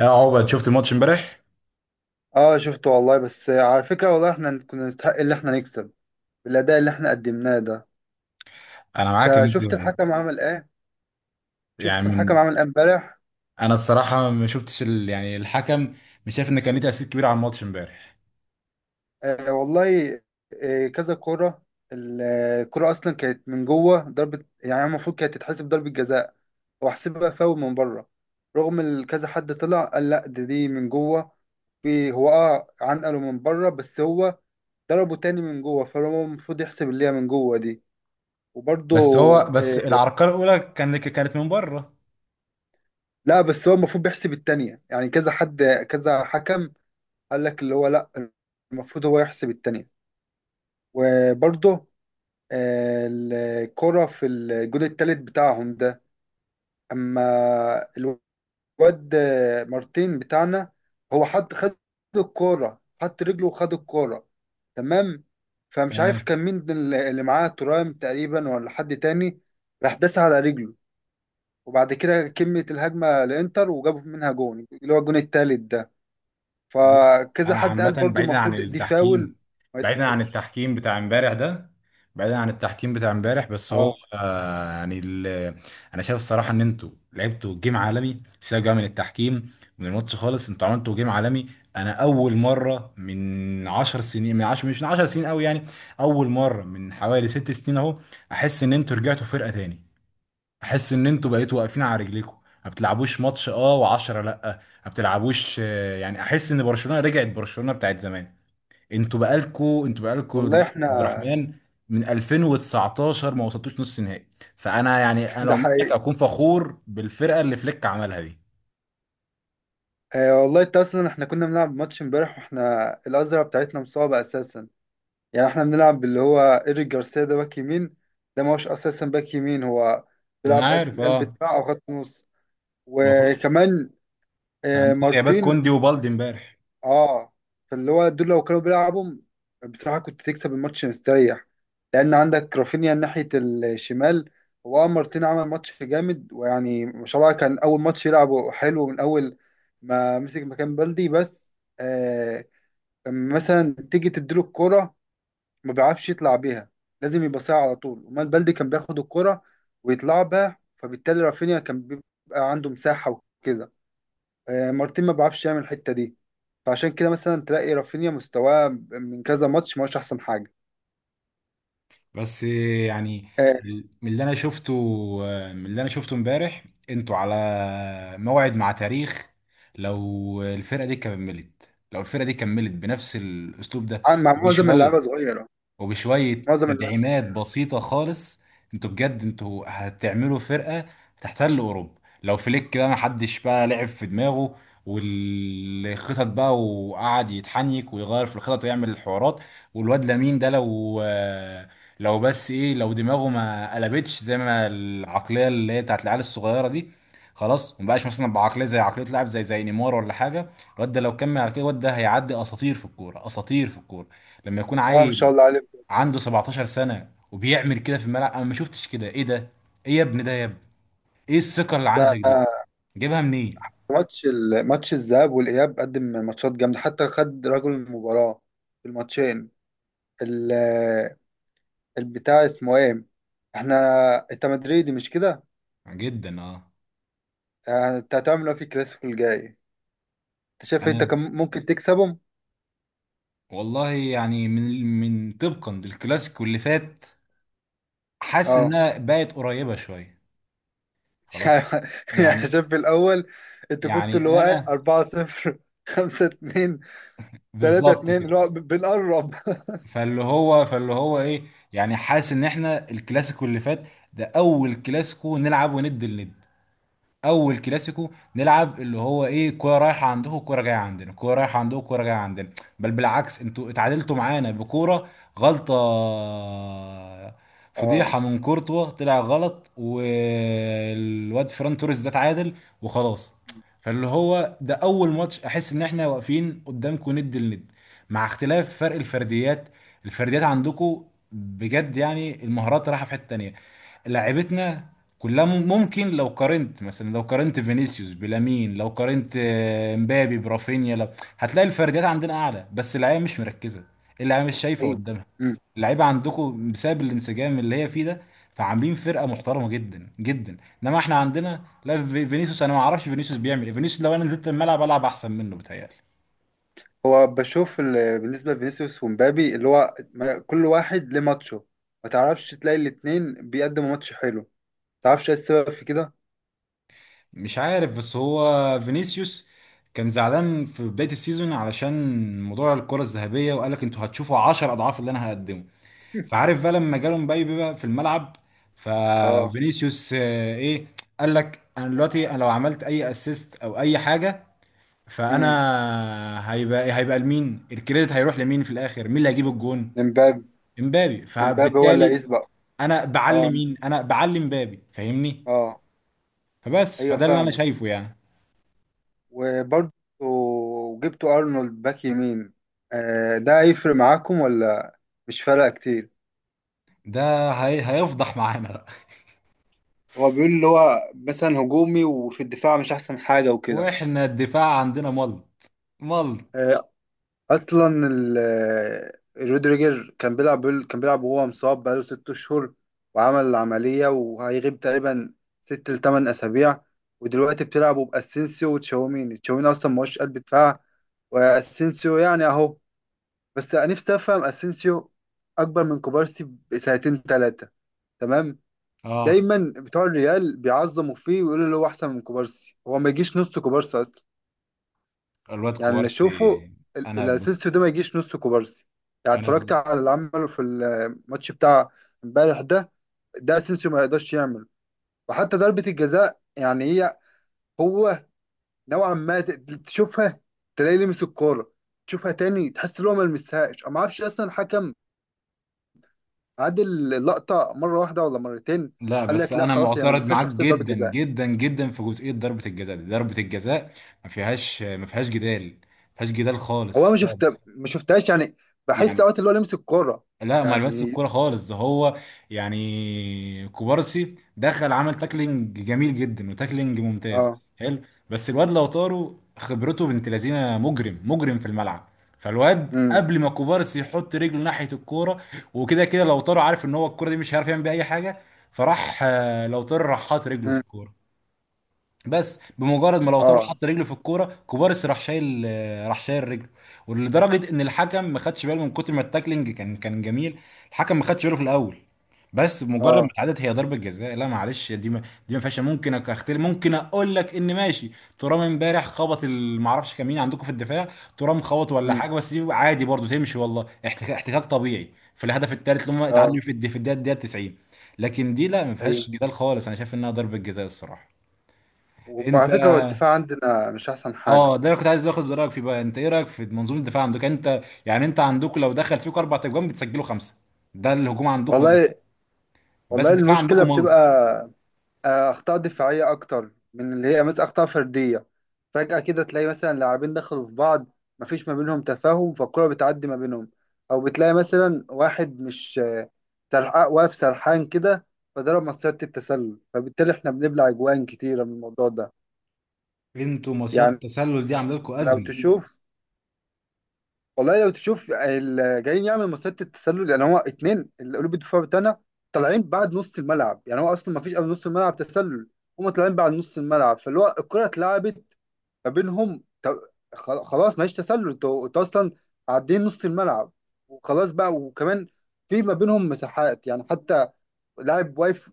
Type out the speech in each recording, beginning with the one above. اه عقبة، شفت الماتش امبارح؟ اه شفته والله. بس على فكرة والله احنا كنا نستحق اللي احنا نكسب بالأداء اللي احنا قدمناه ده. انا معاك انت ان انت شفت الحكم عمل ايه؟ يعني شفت الحكم من- عمل ايه امبارح؟ انا الصراحه ما شفتش ال... يعني الحكم، مش شايف ان كان ليه تاثير كبير على الماتش امبارح. آه والله. آه كذا كرة. ال- الكرة اصلا كانت من جوه ضربة، يعني المفروض كانت تتحسب ضربة جزاء واحسبها فاول من بره. رغم كذا حد طلع قال لا، دي من جوه. في هو عنقله من بره، بس هو ضربه تاني من جوه، فهو المفروض يحسب اللي هي من جوه دي. وبرضه بس العرقله الاولى كانت من بره. لا، بس هو المفروض بيحسب التانية. يعني كذا حد، كذا حكم قال لك اللي هو لا، المفروض هو يحسب التانية. وبرضه آه، الكرة في الجون التالت بتاعهم ده. أما الواد آه، مارتين بتاعنا، هو خد الكرة، حط رجله وخد الكرة. تمام. فمش عارف تمام. كان مين اللي معاه، ترام تقريبا ولا حد تاني، راح داس على رجله. وبعد كده كملت الهجمة لإنتر وجابوا منها جون اللي هو الجون التالت ده. بص، فكذا انا حد قال عامه برضو بعيدا عن المفروض دي فاول، التحكيم، ما بعيدا عن يتحسبش. التحكيم بتاع امبارح ده بعيدا عن التحكيم بتاع امبارح، بس هو اه آه يعني ال- انا شايف الصراحه ان انتوا لعبتوا جيم عالمي. سيبك بقى من التحكيم، من الماتش خالص، انتوا عملتوا جيم عالمي. انا اول مره من 10 سنين، من 10 مش من 10 سنين قوي يعني، اول مره من حوالي ست سنين اهو، احس ان انتوا رجعتوا فرقه تاني، احس ان انتوا بقيتوا واقفين على رجليكم. ما بتلعبوش ماتش اه و10 لا، ما بتلعبوش يعني احس ان برشلونه رجعت برشلونه بتاعت زمان. انتوا بقالكوا والله دلوقتي احنا عبد الرحمن، من 2019 ما وصلتوش نص نهائي. فانا يعني انا ده لو حقيقي. منك اكون فخور بالفرقه اللي فليك عملها دي. آه والله، انت اصلا احنا كنا بنلعب ماتش امبارح واحنا الازرع بتاعتنا مصابه اساسا. يعني احنا بنلعب باللي هو ايريك جارسيا ده باك يمين، ده ما هوش اساسا باك يمين، هو انا بيلعب عارف، قلب اه، دفاع او خط نص. المفروض وكمان كان آه عندكم غيابات مارتين. كوندي وبالدي امبارح. اه، فاللي هو دول لو كانوا بيلعبوا، بصراحة كنت تكسب الماتش مستريح، لأن عندك رافينيا ناحية الشمال. هو مارتين عمل ماتش جامد، ويعني ما شاء الله كان أول ماتش يلعبه حلو. من أول ما مسك مكان بلدي، بس آه لما مثلا تيجي تديله الكرة، ما بيعرفش يطلع بيها، لازم يبقى ساعة على طول. أمال بلدي كان بياخد الكرة ويطلع بها، فبالتالي رافينيا كان بيبقى عنده مساحة وكده. آه، مارتين ما بيعرفش يعمل الحته دي، فعشان كده مثلا تلاقي رافينيا مستواه من كذا ماتش ما هوش احسن حاجه. بس آه، من اللي انا شفته من اللي انا شفته امبارح، انتوا على موعد مع تاريخ. لو الفرقه دي كملت بنفس الاسلوب ده مع معظم اللعيبه وبشويه صغيره، وبشوية معظم اللعيبه. تدعيمات بسيطة خالص، انتوا بجد هتعملوا فرقة تحتل أوروبا، لو فليك بقى محدش بقى لعب في دماغه والخطط بقى، وقعد يتحنيك ويغير في الخطط ويعمل الحوارات. والواد لامين ده، لو بس ايه، لو دماغه ما قلبتش زي ما العقلية اللي هي بتاعت العيال الصغيرة دي، خلاص مبقاش مثلا بعقلية زي عقلية لاعب زي نيمار ولا حاجة، الواد ده لو كمل على كده، الواد ده هيعدي أساطير في الكورة، أساطير في الكورة. لما يكون اه ما شاء عيل الله عليه. عنده 17 سنة وبيعمل كده في الملعب، انا ما شفتش كده. ايه ده؟ ايه يا ابني؟ ده يا ابني ايه الثقة اللي عندك ده دي؟ جايبها منين؟ ماتش الذهاب والاياب، قدم ماتشات جامده، حتى خد رجل المباراه في الماتشين. ال- البتاع اسمه ايه؟ احنا، انت مدريدي مش كده؟ جدا اه. آه، انت هتعمل ايه في الكلاسيكو الجاي؟ انت شايف انت انا كم ممكن تكسبهم؟ والله يعني من من طبقا للكلاسيكو اللي فات، حاسس اه انها بقت قريبة شوية، خلاص يعني يعني. عشان في الأول أنت كنت اللي يعني هو إيه، انا 4 0، 5 2، 3 بالظبط 2 كده. اللي هو بنقرب. فاللي هو ايه، يعني حاسس ان احنا الكلاسيكو اللي فات ده اول كلاسيكو نلعب وند لند، اول كلاسيكو نلعب اللي هو ايه، كوره رايحه عندكم كوره جايه عندنا، كوره رايحه عندكم كوره جايه عندنا. بل بالعكس، انتوا اتعادلتوا معانا بكوره غلطه، اه فضيحه من كورتوا طلع غلط والواد فران توريس ده اتعادل وخلاص. فاللي هو ده اول ماتش احس ان احنا واقفين قدامكم ند لند، مع اختلاف فرق الفرديات. الفرديات عندكم بجد يعني، المهارات رايحه في حته تانيه. لعيبتنا كلها ممكن، لو قارنت مثلا، لو قارنت فينيسيوس بلامين، لو قارنت مبابي برافينيا، لو هتلاقي الفرديات عندنا اعلى، بس اللعيبه مش مركزه، اللعيبه مش شايفه ايوه. قدامها. مم. اللعيبه عندكم بسبب الانسجام اللي هي فيه ده، فعاملين فرقه محترمه جدا جدا. انما احنا عندنا لا، فينيسيوس انا ما اعرفش فينيسيوس بيعمل ايه، فينيسيوس لو انا نزلت الملعب العب احسن منه بتهيألي. هو بشوف بالنسبه لفينيسيوس ومبابي اللي هو كل واحد ليه ماتشه، ما تعرفش تلاقي الاتنين بيقدموا ماتش حلو، ما تعرفش ايه السبب في كده. مش عارف، بس هو فينيسيوس كان زعلان في بداية السيزون علشان موضوع الكرة الذهبية، وقال لك انتوا هتشوفوا 10 اضعاف اللي انا هقدمه، فعارف بقى، لما جاله مبابي بقى في الملعب، اه. ففينيسيوس، ايه، قال لك انا دلوقتي، لو عملت اي اسيست او اي حاجه، امم فانا هيبقى لمين؟ الكريدت هيروح لمين في الاخر؟ مين اللي هيجيب الجون؟ امبابي. امبابي. امبابي هو اللي فبالتالي هيسبق. انا بعلي اه مين؟ انا بعلي امبابي، فاهمني؟ اه ايوه فده اللي انا فاهم. شايفه يعني. وبرضه جبتوا ارنولد باك يمين، آه، ده هيفرق معاكم ولا مش فارقه كتير؟ ده هيفضح معانا بقى. هو بيقول اللي هو مثلا هجومي وفي الدفاع مش احسن حاجه وكده. واحنا الدفاع عندنا مل مل، آه، اصلا رودريجر كان بيلعب، كان بيلعب وهو مصاب بقاله ست اشهر، وعمل عمليه وهيغيب تقريبا ست لتمن اسابيع. ودلوقتي بتلعبوا باسينسيو وتشاوميني. تشاوميني اصلا ما هوش قلب دفاع، واسينسيو يعني اهو. بس أنا نفسي افهم اسينسيو اكبر من كوبارسي بسنتين ثلاثه، تمام؟ اه. دايما بتوع الريال بيعظموا فيه ويقولوا اللي هو احسن من كوبارسي، هو ما يجيش نص كوبارسي اصلا. الواد يعني اللي كوبارسي، اشوفه، انا ب... الاسينسيو ده ما يجيش نص كوبارسي. يعني اتفرجت انا على اللي عمله في الماتش بتاع امبارح ده، ده اسينسيو ما يقدرش يعمله. وحتى ضربه الجزاء يعني هي، هو نوعا ما تشوفها تلاقيه لمس الكوره، تشوفها تاني تحس ان هو ما لمسهاش. أنا ما اعرفش اصلا الحكم عاد اللقطه مره واحده ولا مرتين. لا قال بس لك لا انا خلاص هي ما معترض لمستهاش، معاك تحسب ضربه جدا جزاء. جدا جدا في جزئيه ضربه الجزاء دي. ضربه الجزاء ما فيهاش جدال، ما فيهاش جدال هو أنا خالص خالص. ما شفتهاش يعني، بحس يعني اوقات اللي هو لمس الكوره لا، ما لمس يعني. الكوره خالص، ده هو يعني كوبارسي دخل عمل تاكلينج جميل جدا، وتاكلينج ممتاز اه، حلو، بس الواد لو طاروا خبرته بنت لذينه، مجرم مجرم في الملعب. فالواد امم قبل ما كوبارسي يحط رجله ناحيه الكوره وكده كده، لو طاروا عارف ان هو الكوره دي مش هيعرف يعمل بيها اي حاجه، فراح لو طار راح حاط رجله في امم الكوره، بس بمجرد ما لو طاروا اه حط رجله في الكوره، كوبارس راح شايل، راح شايل رجله، ولدرجه ان الحكم ما خدش باله من كتر ما التاكلينج كان جميل، الحكم ما خدش باله في الاول. بس بمجرد ما اه اتعادلت، هي ضربه جزاء، لا معلش، دي ما فيهاش، ممكن اختلف، ممكن اقول لك ان ماشي. ترام امبارح خبط ما اعرفش كان مين عندكم في الدفاع، ترام خبط ولا امم حاجه، بس دي عادي برضو تمشي والله، احتكاك، احتكاك طبيعي في الهدف الثالث اللي هم اتعادلوا اه فيه، في في الدقيقة 90. لكن دي لا، ما اي. فيهاش جدال خالص، انا شايف انها ضربه جزاء الصراحه. انت، وعلى فكره هو الدفاع عندنا مش احسن حاجه اه، ده انا كنت عايز اخد رايك فيه بقى، انت ايه رايك في منظومه الدفاع عندك انت؟ يعني انت عندكم لو دخل فيكم اربع تجوان بتسجلوا خمسه، ده الهجوم عندكم نار، والله. بس والله الدفاع المشكله عندكم بتبقى ملط. آه، اخطاء دفاعيه اكتر من اللي هي مثلا اخطاء فرديه. فجاه كده تلاقي مثلا لاعبين دخلوا في بعض، مفيش ما بينهم تفاهم، فالكره بتعدي ما بينهم. او بتلاقي مثلا واحد مش آه، سلحق، واقف سرحان كده، فضرب مصيدة التسلل، فبالتالي احنا بنبلع اجوان كتيره من الموضوع ده. انتوا مصيدة يعني التسلل دي عامله لكم لو ازمه؟ تشوف، والله لو تشوف اللي جايين يعمل مصيدة التسلل، يعني هو اتنين اللي قلوب الدفاع بتاعنا طالعين بعد نص الملعب، يعني هو اصلا مفيش قبل نص الملعب تسلل، هما طالعين بعد نص الملعب، فاللي هو الكرة اتلعبت ما بينهم. خلاص مفيش تسلل. انتوا اصلا عدين نص الملعب وخلاص بقى. وكمان في ما بينهم مساحات، يعني حتى لاعب واقف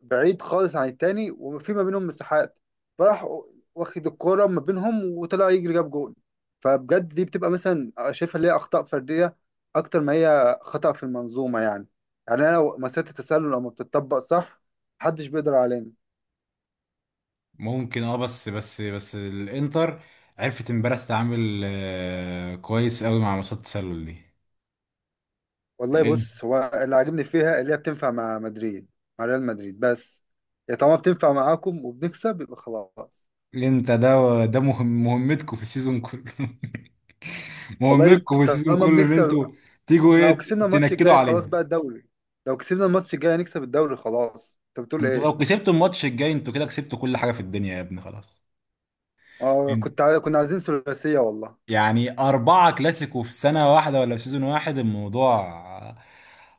بعيد خالص عن التاني وفي ما بينهم مساحات، فراح واخد الكرة ما بينهم وطلع يجري جاب جول. فبجد دي بتبقى مثلا شايفها اللي هي أخطاء فردية أكتر ما هي خطأ في المنظومة يعني. يعني أنا لو مسألة التسلل لو ما بتطبق صح، محدش بيقدر علينا. ممكن اه، بس الانتر عرفت امبارح تتعامل كويس قوي مع مصيدة التسلل دي والله الان. بص، هو اللي عاجبني فيها اللي هي بتنفع مع مدريد، مع ريال مدريد بس. يا طالما بتنفع معاكم وبنكسب يبقى خلاص. انت ده مهم، مهمتكم في السيزون كله والله مهمتكم في السيزون طالما كله ان بنكسب، انتوا تيجوا احنا لو ايه، كسبنا الماتش تنكدوا الجاي خلاص علينا. بقى الدوري. لو كسبنا الماتش الجاي هنكسب الدوري خلاص، انت بتقول انتوا ايه؟ لو كسبتوا الماتش الجاي، انتوا كده كسبتوا كل حاجه في الدنيا يا ابني، خلاص. اه إن- كنا عايزين ثلاثية والله. يعني اربعه كلاسيكو في سنه واحده ولا في سيزون واحد، الموضوع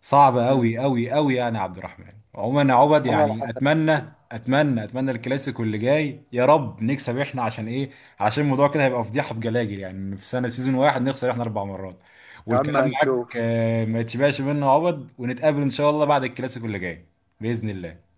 صعب امم، قوي قوي قوي يعني يا عبد الرحمن. عموما يا عبد، عمرها ما يعني حصلت اتمنى كده. اتمنى اتمنى الكلاسيكو اللي جاي يا رب نكسب احنا، عشان ايه؟ عشان الموضوع كده هيبقى فضيحه بجلاجل، يعني إن في سنه سيزون واحد نخسر احنا اربع مرات. يا عم والكلام معاك، هنشوف. ما يتشبعش منه يا عبد، ونتقابل ان شاء الله بعد الكلاسيكو اللي جاي باذن الله.